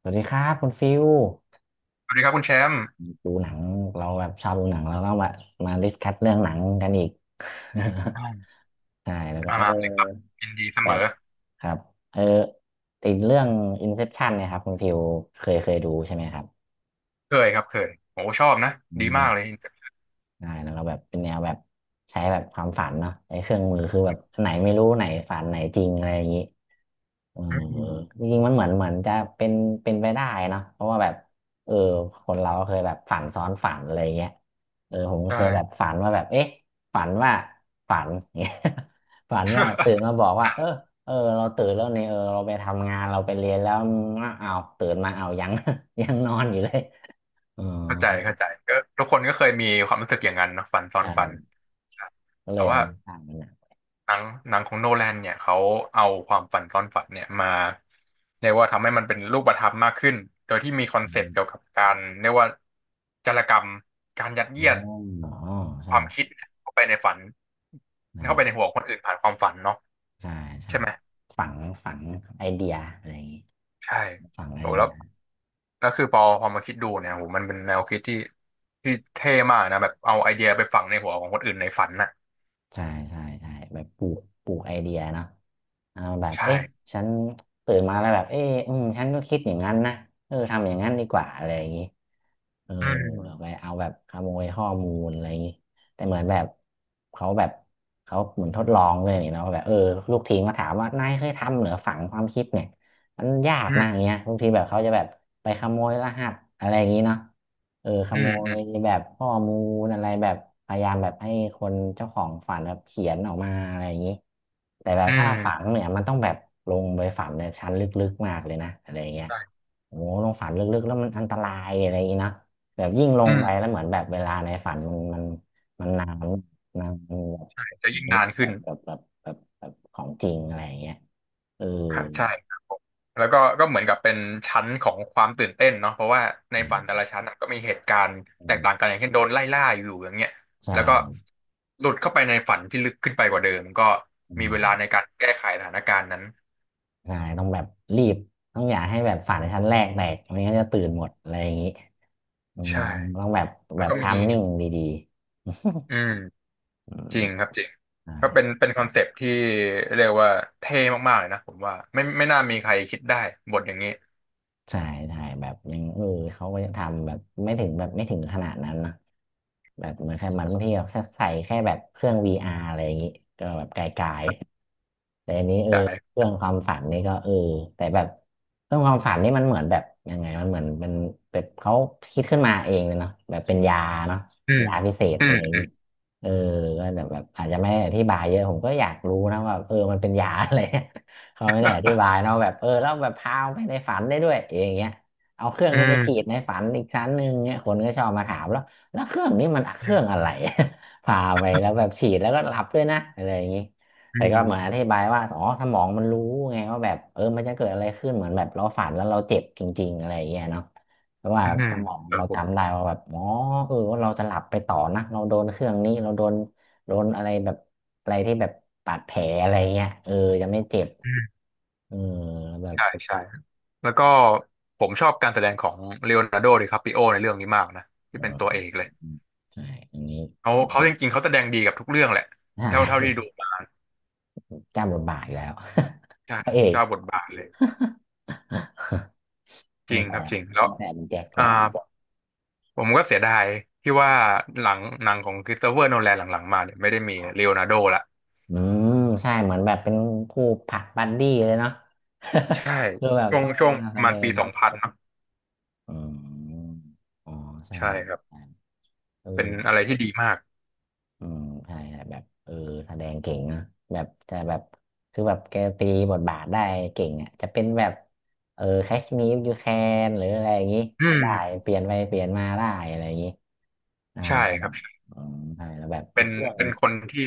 สวัสดีครับคุณฟิวสวัสดีครับคุณแชมป์ดูหนังเราแบบชอบดูหนังแล้วก็แบบมาดิสคัสเรื่องหนังกันอีก อ่า ใช่แล้วก็มาเออมาเลยครับยินดีเสแบมบอครับเออติดเรื่อง Inception เนะครับคุณฟิวเคยดูใช่ไหมครับเคยครับเคยโอ้ชอบนะอืดีมมากเลยใช่แล้วก็แบบเป็นแนวแบบใช้แบบความฝันเนาะไอ้เครื่องมือคือแบบอันไหนไม่รู้ไหนฝันไหนจริงอะไรอย่างนี้ เอออืมจริงๆมันเหมือนจะเป็นไปได้เนอะเพราะว่าแบบเออคนเราก็เคยแบบฝันซ้อนฝันอะไรเงี้ยเออผมก็ใช่เคยแบบฝันว่าแบบเอ๊ะฝันว่าฝัน เงี้ย ฝันว่าตื่นมาบอกว่าเออเออเราตื่นแล้วเนี่ยเออเราไปทำงานเราไปเรียนแล้วอ้าวอ้าวตื่นมาเอายัง ยังนอนอยู่เลยอ๋อเข้าใจเข้าใจก็ทุกคนก็เคยมีความรู้สึกอย่างนั้นเนอะฝันซ้อนฝันใช่ก็เลแต่ยว่าเอามาสร้างเป็นหนังหนังหนังของโนแลนเนี่ยเขาเอาความฝันซ้อนฝันเนี่ยมาเรียกว่าทำให้มันเป็นรูปธรรมมากขึ้นโดยที่มีคอนอเซปต์มเกี่ยวกับการเรียกว่าจารกรรมการยัดอ๋เยีอยดอ๋อคใช่วามคิดเข้าไปในฝันเข้าไปในใช่หัวคนอื่นผ่านความฝันเนาะใช่ใช่ใช่ไหม ฝังฝังไอเดียอะไรอย่างงี้ใช่ฝังไอโหเดีแล้วย แล้วคือพอพอมาคิดดูเนี่ยโหมันเป็นแนวคิดที่ที่เท่มากนะแบบเอาไอเดียไปฝังในหัวของคนอื่นในฝันน่ะใช่ใช่ใช่แบบปลูกไอเดียเนาะอ่าแบบใช่เอ๊ะฉันตื่นมาแล้วแบบเอ๊ะอืมฉันก็คิดอย่างนั้นนะเออทำอย่างนั้นดีกว่าอะไรอย่างนี้เอออืไปมเอาแบบขโมยข้อมูลอะไรอย่างนี้แต่เหมือนแบบเขาแบบเขาเหมือนทดลองเลยนี่เนาะแบบเออลูกทีมก็ถามว่านายเคยทำเหรือฝังความคิดเนี่ยมันยากอืนะอย่ามงเงี้ยบางทีแบบเขาจะแบบไปขโมยรหัสอะไรอย่างนี้เนาะ เออขอืโมมอืยมแบบข้อมูลอะไรแบบพยายามแบบให้คนเจ้าของฝันแบบเขียนออกมาอะไรอย่างนี้แต่แบบอืถ้าฝันมเนี่ยมันต้องแบบลงไปฝันในชั้นลึกๆมากเลยนะอะไรอย่างเงี้ยใช่โอ้โหลงฝันลึกๆแล้วมันอันตรายอะไรอย่างงี้เนอะแบบยิ่งลอืงมไปแล้วเหมือนแบบเวลาในฝันมันมันนานจะยิ่งนานแบขึ้นบแบบแบบแบบแบบแบบของจริงอะไรอย่างเงี้ยเออครับใช่แล้วก็ก็เหมือนกับเป็นชั้นของความตื่นเต้นเนาะเพราะว่าในอืฝันแต่ละชั้นน่ะก็มีเหตุการณ์แตกต่างมกันอย่างเช่นโดนไล่ล่าอยู่อย่างเงี้ยใช่ แล้วก็ หลุดเข้าไปในฝันที่ลึกขึ้นไปกว่าเดิมก็มีเวลาในการแก้ไขสถานการณ์นั้นใช่ต้องแบบรีบ ต้องอย่าให้แบบฝันชั้นแรกแตกไม่งั้นจะตื่นหมดอะไรอย่างนี้อืมใช่ต้องแบบแล้แบวบก็มีทามมิ่งดีๆ อืม อืจมริงครับจริงก็เป็นใช่ เป็นคอนเซปต์ที่เรียกว่าเท่มากๆเลยนะผมว่าไม่ไม่น่ามีใครคิดได้บทอย่างนี้ใช่ใช่แบบยังเออเขาก็ยังทำแบบไม่ถึงแบบไม่ถึงขนาดนั้นนะแบบเหมือนแค่มันบางทีแบบใส่แค่แบบเครื่อง VR อาร์อะไรอย่างงี้ก็แบบไกลๆแต่อันนี้เออเคใช่รื่องความฝันนี่ก็เออแต่แบบเครื่องความฝันนี่มันเหมือนแบบยังไงมันเหมือนเป็นแบบเขาคิดขึ้นมาเองเลยเนาะแบบเป็นยาเนาะอืมยาพิเศษอือะไรม อย่างงี้เออก็แต่แบบอาจจะไม่ได้อธิบายเยอะผมก็อยากรู้นะว่าเออมันเป็นยาอะไร เขาไม่ได้อธิบาย เนาะแบบเออแล้วแบบพาไปในฝันได้ด้วยอย่างเงี้ยเอาเครื่องอืนี้ไปฉีดมในฝันอีกชั้นหนึ่งเนี่ยคนก็ชอบมาถามแล้วแล้วเครื่องนี้มันเครื่องอือะไร พาไปแล้วแบบฉีดแล้วก็หลับด้วยนะอะไรอย่างงี้แต่ก็เหมือนอมธิบายว่าอ๋อสมองมันรู้ไงว่าแบบเออมันจะเกิดอะไรขึ้นเหมือนแบบเราฝันแล้วเราเจ็บจริงๆอะไรอย่างเงี้ยเนาะเพราะว่าอืสมมองครัเราบผจำมได้ว่าแบบอ๋อเออว่าเราจะหลับไปต่อนะเราโดนเครื่องนี้เราโดนอะไรแบบอะไรที่แบบบาดแผลอะไรเงี้ยเออจะไม่เจ็บ อืมเออแบบใช่ใช่แล้วก็ผมชอบการแสดงของเลโอนาร์โดดิคาปิโอในเรื่องนี้มากนะที่เอเป็นอตัวเอกเลยใช่อันนี้เขาเขาจริงๆเขาแสดงดีกับทุกเรื่องแหละใช่ เท่าเท่าที่ดูมา กล้าบทบาทอีกแล้ว ใช่ พระเอกเจ้าบทบาทเลยจตั้ริงงครัแต่บจริงแล้วตั้งแต่เป็นแจ็คอ่า แล้วผมก็เสียดายที่ว่าหลังหนังของคริสโตเฟอร์โนแลนหลังๆมาเนี่ยไม่ได้มีครัเลบโอนาร์โดละอืมใช่เหมือนแบบเป็นคู่ผลักบัดดี้เลยเนาะ ใช่ คือแบบช่วงต้องช่วงมาปแสระดมาณปีงสองพันครับอืมอ๋อใช่ใช่ครับใช่เออ เป็นอะไรที่ดีมากอืมใช่ใช่ แบบเออแสดงเก่งนะแบบจะแบบคือแบบแกตีบทบาทได้เก่งอ่ะจะเป็นแบบเออแคชมีฟยูแคนหรืออะไรอย่างงี้อืก็มได้ เปลี่ยนไปเปลี่ยนมาได้อะไรอย่างงี้ได้ใช่แล้วคแบรับบอืมใช่แล้วแบบเป็อีกนเรื่องหเป็นึ่นงคนที่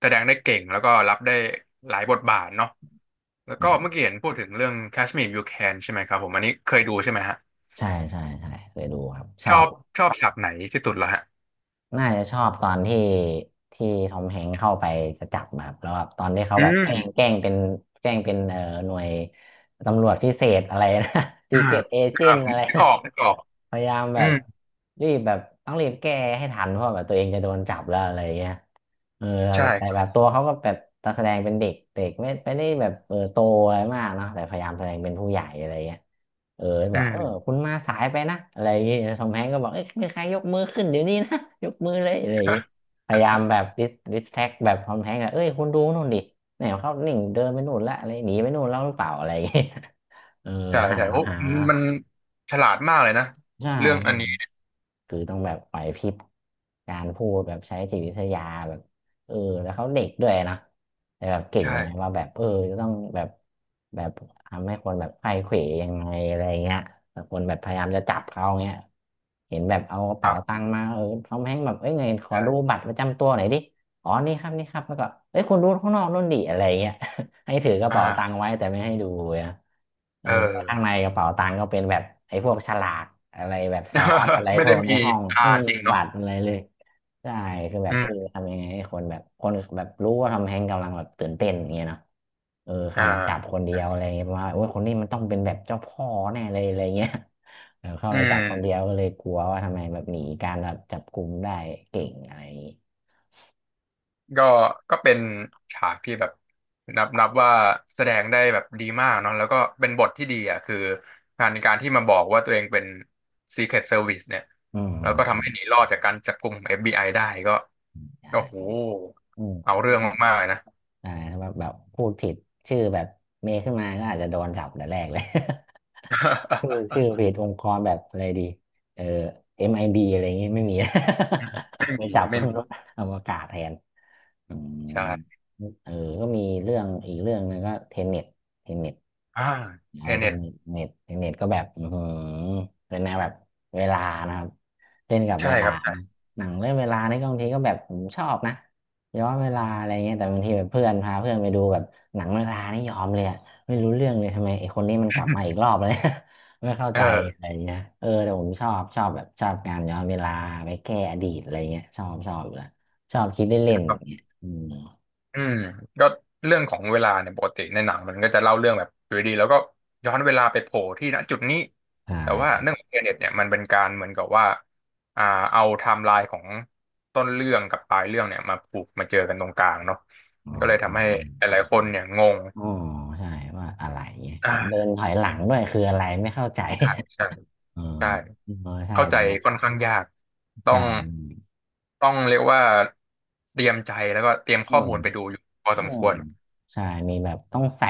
แสดงได้เก่งแล้วก็รับได้หลายบทบาทเนาะแล้วก็นะครัเมื่อบกี้เห็นพูดถึงเรื่อง Kashmir You Can ใช่ไหมครับผมอันนี้เคยดูใช่ไหมฮะใช่ใช่ใช่เคยดูครับ ชชออบ บชอบฉากไหนที่สุดเหรอฮะน่าจะชอบตอนที่ทอมแฮงค์เข้าไปจะจับแบบแล้วแบบตอนที่เขาอืแบบแกมล้งแกล้งเป็นแกล้งเป็นเออหน่วยตำรวจพิเศษอะไรนะ ซีอ่าเกตเอเจอ่านผต์มอะไรนึกนะ ออกนึกออกพยายามแบอืบมรีบแบบต้องรีบแก้ให้ทันเพราะแบบตัวเองจะโดนจับแล้วอะไรอย่างเงี้ยเออใช่แต่ครัแบบบตัวเขาก็แบบแตแสดงเป็นเด็กเด็กไม่ไม่ได้แบบเออโตอะไรมากเนาะแต่พยายามแสดงเป็นผู้ใหญ่อะไรเงี้ยเอออืบอกเออม คุณมาสายไปนะอะไรอย่างเงี้ยทอมแฮงก์ก็บอกเอ้ยมีใครยกมือขึ้นเดี๋ยวนี้นะ ยกมือเลยอะไรอย่างเงี้ยพยายามแบบดิสแท็กแบบทอมแฮงก์อะเอ้ยคุณดูนู่นดิเนี่ยเขาหนิ่งเดินไปนู่นละอะไรหนีไปนู่นแล้วหรือเปล่าอะไรอย่างเงี้ย เออใช่หาใช่โอ้หามันฉลาดมากเลยนะใช่ เรื่องอันนี้คือต้องแบบไหวพริบการพูดแบบใช้จิตวิทยาแบบเออแล้วเขาเด็กด้วยนะแต่แบบเก่งใช่ไงว่าแบบจะต้องแบบทำให้คนแบบไขว้เขวยังไงอะไรเงี้ยแต่คนแบบพยายามจะจับเขาเงี้ยเห็นแบบเอากระคเป๋ารัตับงค์มาทอมแฮงค์แบบเอ้ยไงขอดูใช่บัตรประจำตัวหน่อยดิอ๋อนี่ครับนี่ครับแล้วก็เอ้ยคุณดูข้างนอกนู่นดิอะไรเงี้ย ให้ถือกระเป๋าตังค์อ่าไว้แต่ไม่ให้ดูนะเออเอข้างในอ กระเป๋าตังค์ก็เป็นแบบไอ้พวกฉลากอะไรแบบซอสอะไร ไม่พได้วกในมีห้องตาไม่มีจริงเนาะบัตรอะไรเลยใช่คือแบอืบมทำยังไงให้คนแบบรู้ว่าทำแฮงกำลังแบบตื่นเต้นอย่างเงี้ยเนาะเข้าอ่ามาจับคนเดียวอะไรเงี้ยเพราะว่าโอ้ยคนนี้มันต้องเป็นแบบเจ้าพ่อแน่เลยอะไรเงี้ยเข้าอืมาจับคนเดียวมก็เลยกลัวว่าทำไมแบบหนีการแบบจับกลุ่มได้เก่งอะไรอย่างงี้ก็ก็เป็นฉากที่แบบนับนับว่าแสดงได้แบบดีมากเนาะแล้วก็เป็นบทที่ดีอ่ะคือการการที่มาบอกว่าตัวเองเป็น Secret Service เนี่ยอืแล้วก็ทำให้หนีมรอดจากการจับกุมของ FBI ไอได้ก็โอ้โหใชเอา่ เรื่องมากๆเลยนะ ใช่ถ้าแบบพูดผิดชื่อแบบเมย์ขึ้นมาก็อาจจะโดนจับแต่แรกเลย ชื่อชื่ อเพจองค์กรแบบอะไรดีเออ MIB อมไอบีอะไรเงี้ยไม่มี ไม่ ไม่มีจับไม่มีรถอวกาศแทนอืมใช่เออก็มีเรื่องอีกเรื่องหนึงก็เทนเน็ตอ่าเทเอาไปเน็ตเทนเน็ตก็แบบอือหือเป็นแนวแบบเวลานะครับเล่นกับใช่เวลาครับ นะหนังเรื่องเวลานี่ก็บางทีก็แบบผมชอบนะย้อนเวลาอะไรเงี้ยแต่บางทีแบบเพื่อนพาเพื่อนไปดูแบบหนังเวลานี่ยอมเลยอะไม่รู้เรื่องเลยทำไมไอ้คนนี้มันกลับมา อีกรอบเลย ไม่เข้าเออใจอะไรเงี้ยแต่ผมชอบการย้อนเวลาไปแก้อดีตอะไรเงี้ยชอบอยู่แล้วชอบคิดเล่นครัๆเงี้บยอืมอืมก็เรื่องของเวลาเนี่ยปกติในหนังมันก็จะเล่าเรื่องแบบอยู่ดีๆแล้วก็ย้อนเวลาไปโผล่ที่ณจุดนี้ใชแต่ว่า่เรื่องของเทเน็ตเนี่ยมันเป็นการเหมือนกับว่าอ่าเอาไทม์ไลน์ของต้นเรื่องกับปลายเรื่องเนี่ยมาผูกมาเจอกันตรงกลางเนาะอ๋มัอนก็เลยอ๋อทำให้หลายๆคนเนี่ยงงอ๋อใช่ว่าอะไรเงี้ยเห็นเดินอ่าถอยหลังด้วยคืออะไรไม่เข้าใจ ใช่ใช่ เออใช่ เออใช่เข้าใจค่อนข้างยากต้อใช่งต้องเรียกว่าเตรียมใจแล้วก็เตรียมอืข้อม มูลไปดูอยู่พอสอืมคมวรใช่มีแบบต้องใส่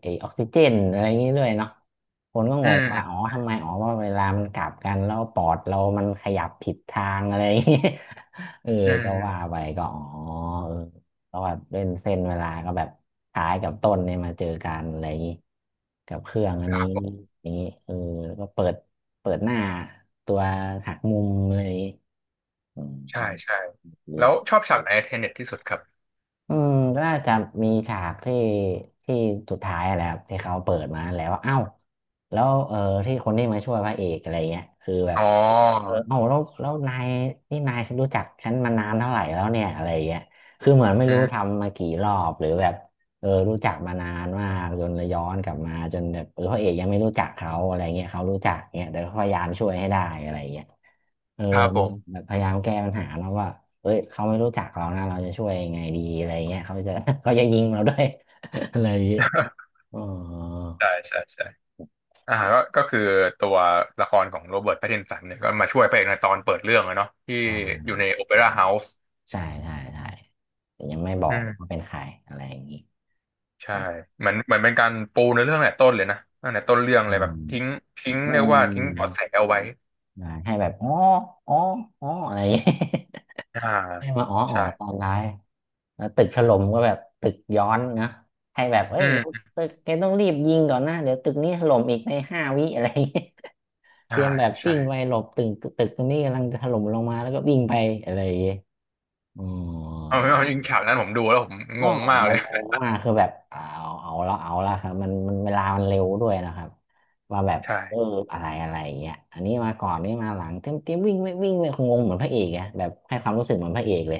ไอออกซิเจนอะไรอย่างนี้ด้วยเนาะคนก็อืงมงอืว่ามอ๋อทำไมอ๋อว่าเวลามันกลับกันแล้วปอดเรามันขยับผิดทางอะไรอย่างนี้ เอออืก็ว่ามไปก็อ๋อเออก็แบบเล่นเส้นเวลาก็แบบท้ายกับต้นเนี่ยมาเจอกันอะไรอย่างนี้กับเครื่องอัคนรันี้บผมอย่างนี้ก็เปิดหน้าตัวหักมุมอะไรอย่างนี้อืมใช่ใช่ดี แล้วชอบฉากไหนเทเน็ตที่สุดครับอืมก็น่าจะมีฉากที่สุดท้ายอะไรครับที่เขาเปิดมาแล้วว่าเอ้าแล้วที่คนที่มาช่วยพระเอกอะไรเงี้ยคือแบอ๋บอเอ้าแล้วนายนี่นายฉันรู้จักฉันมานานเท่าไหร่แล้วเนี่ยอะไรเงี้ยคือเหมือนไม่อืรู้มทำมากี่รอบหรือแบบ รู้จักมานานมากจนเลยย้อนกลับมาจนแบบพระเอกยังไม่รู้จักเขาอะไรเงี้ยเขารู้จักเงี้ยแต่ก็พยายามช่วยให้ได้อะไรเงี้ยเออครับผมันม แบบพยายามแก้ปัญหาเนอะว่าเอ้ยเขาไม่รู้จักเรานะเราจะช่วยยังไงดีอะไรเงี้ยเขาจะ เขาจะยิงเราด้วย อะไรอย่างเงี้ยอ๋อ ใช่ใช่ใช่ก็ก็คือตัวละครของโรเบิร์ตแพตตินสันเนี่ยก็มาช่วยพระเอกในตอนเปิดเรื่องอะเนาะที่ไอด้ยู่ในโอเปร่าเฮาส์ ใช่ใช่ใช่แต่ยังไม่บอกว่าเป็นใครอะไรอย่างงี้ใช่เหมือนเหมือนเป็นการปูในเรื่องตั้งแต่ต้นเลยนะตั้งแต่ต้นเรื่องอืเลยแบบมทิ้งทิ้งอืเรียกว่าทิ้งเบาะมแสเอาไว้ได้ให้แบบอ๋ออ๋ออ๋ออะไรอย่างงี้ อ่า ให้มาอ๋ออ๋อตอใช่นท้าย แล้วตึกถล่มก็แบบตึกย้อนนะให้แบบเอ้อืยเดี๋ยวมตึกแกต้องรีบยิงก่อนนะ เดี๋ยวตึกนี้ถล่มอีกในห้าวิอะไรอย่างเงี้ยเตอ่ารียมแบบใช่วิ่งไปหลบตึกตึกตรงนี้กำลังจะถล่มลงมาแล้วก็วิ่งไปอะไรอย่างเงี้ยอ๋อ เอาเอาจริงฉากนั้นผมดูแล้วผมอ๋งองมากแบเลบยโอมาคือแบบเอาละครับมันเวลามันเร็วด้วยนะครับว่าแบบใช่เอออะไรอะไรอย่างเงี้ยอันนี้มาก่อนนี่มาหลังเต็มวิ่งไม่คงงเหมือนพระเอกอะแบบให้ความรู้สึกเหมือนพระเอกเลย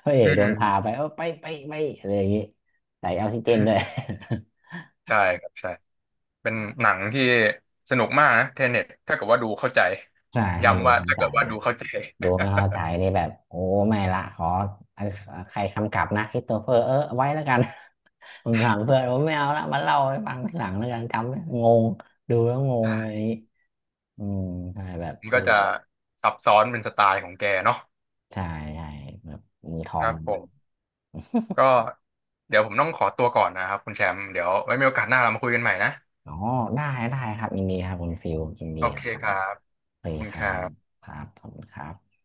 พระเออืกโดม นพาไปไปอะไรอย่างงี้ใส่ออกซิเจนด้วย ใช่ครับใช่เป็นหนังที่สนุกมากนะเทเน็ตถ้าเกิดว่าดูเข้าใจ ใช่ให้ดูย้ำว่าถ้าเกิใจาดย ว่าดูเข้าใจ ดูไม่เข้าใจนี่แบบโอ้ไม่ละขออันใครคำกลับนะคริสโตเฟอร์ไว้แล้วกัน ผมถามเพื่อนผมไม่เอาละมาเล่าให้ฟังทีหลังแล้วกันจำไม่งงดูแล้วง องอะไร่นี้อืมใช่แบบมันก็จะซับซ้อนเป็นสไตล์ของแกเนาะใช่ใช่แบบมือทอคงรับผมก็เดี๋ยวผมต้องขอตัวก่อนนะครับคุณแชมป์เดี๋ยวไว้มีโอกาสหน้าเรามาคุยกันใหม่นะ อ๋อได้ได้ครับยินดีครับคุณฟิลยินดีโอคเครัคบรับโอเคขอบคุณคครัรับบครับขอบคุณครับ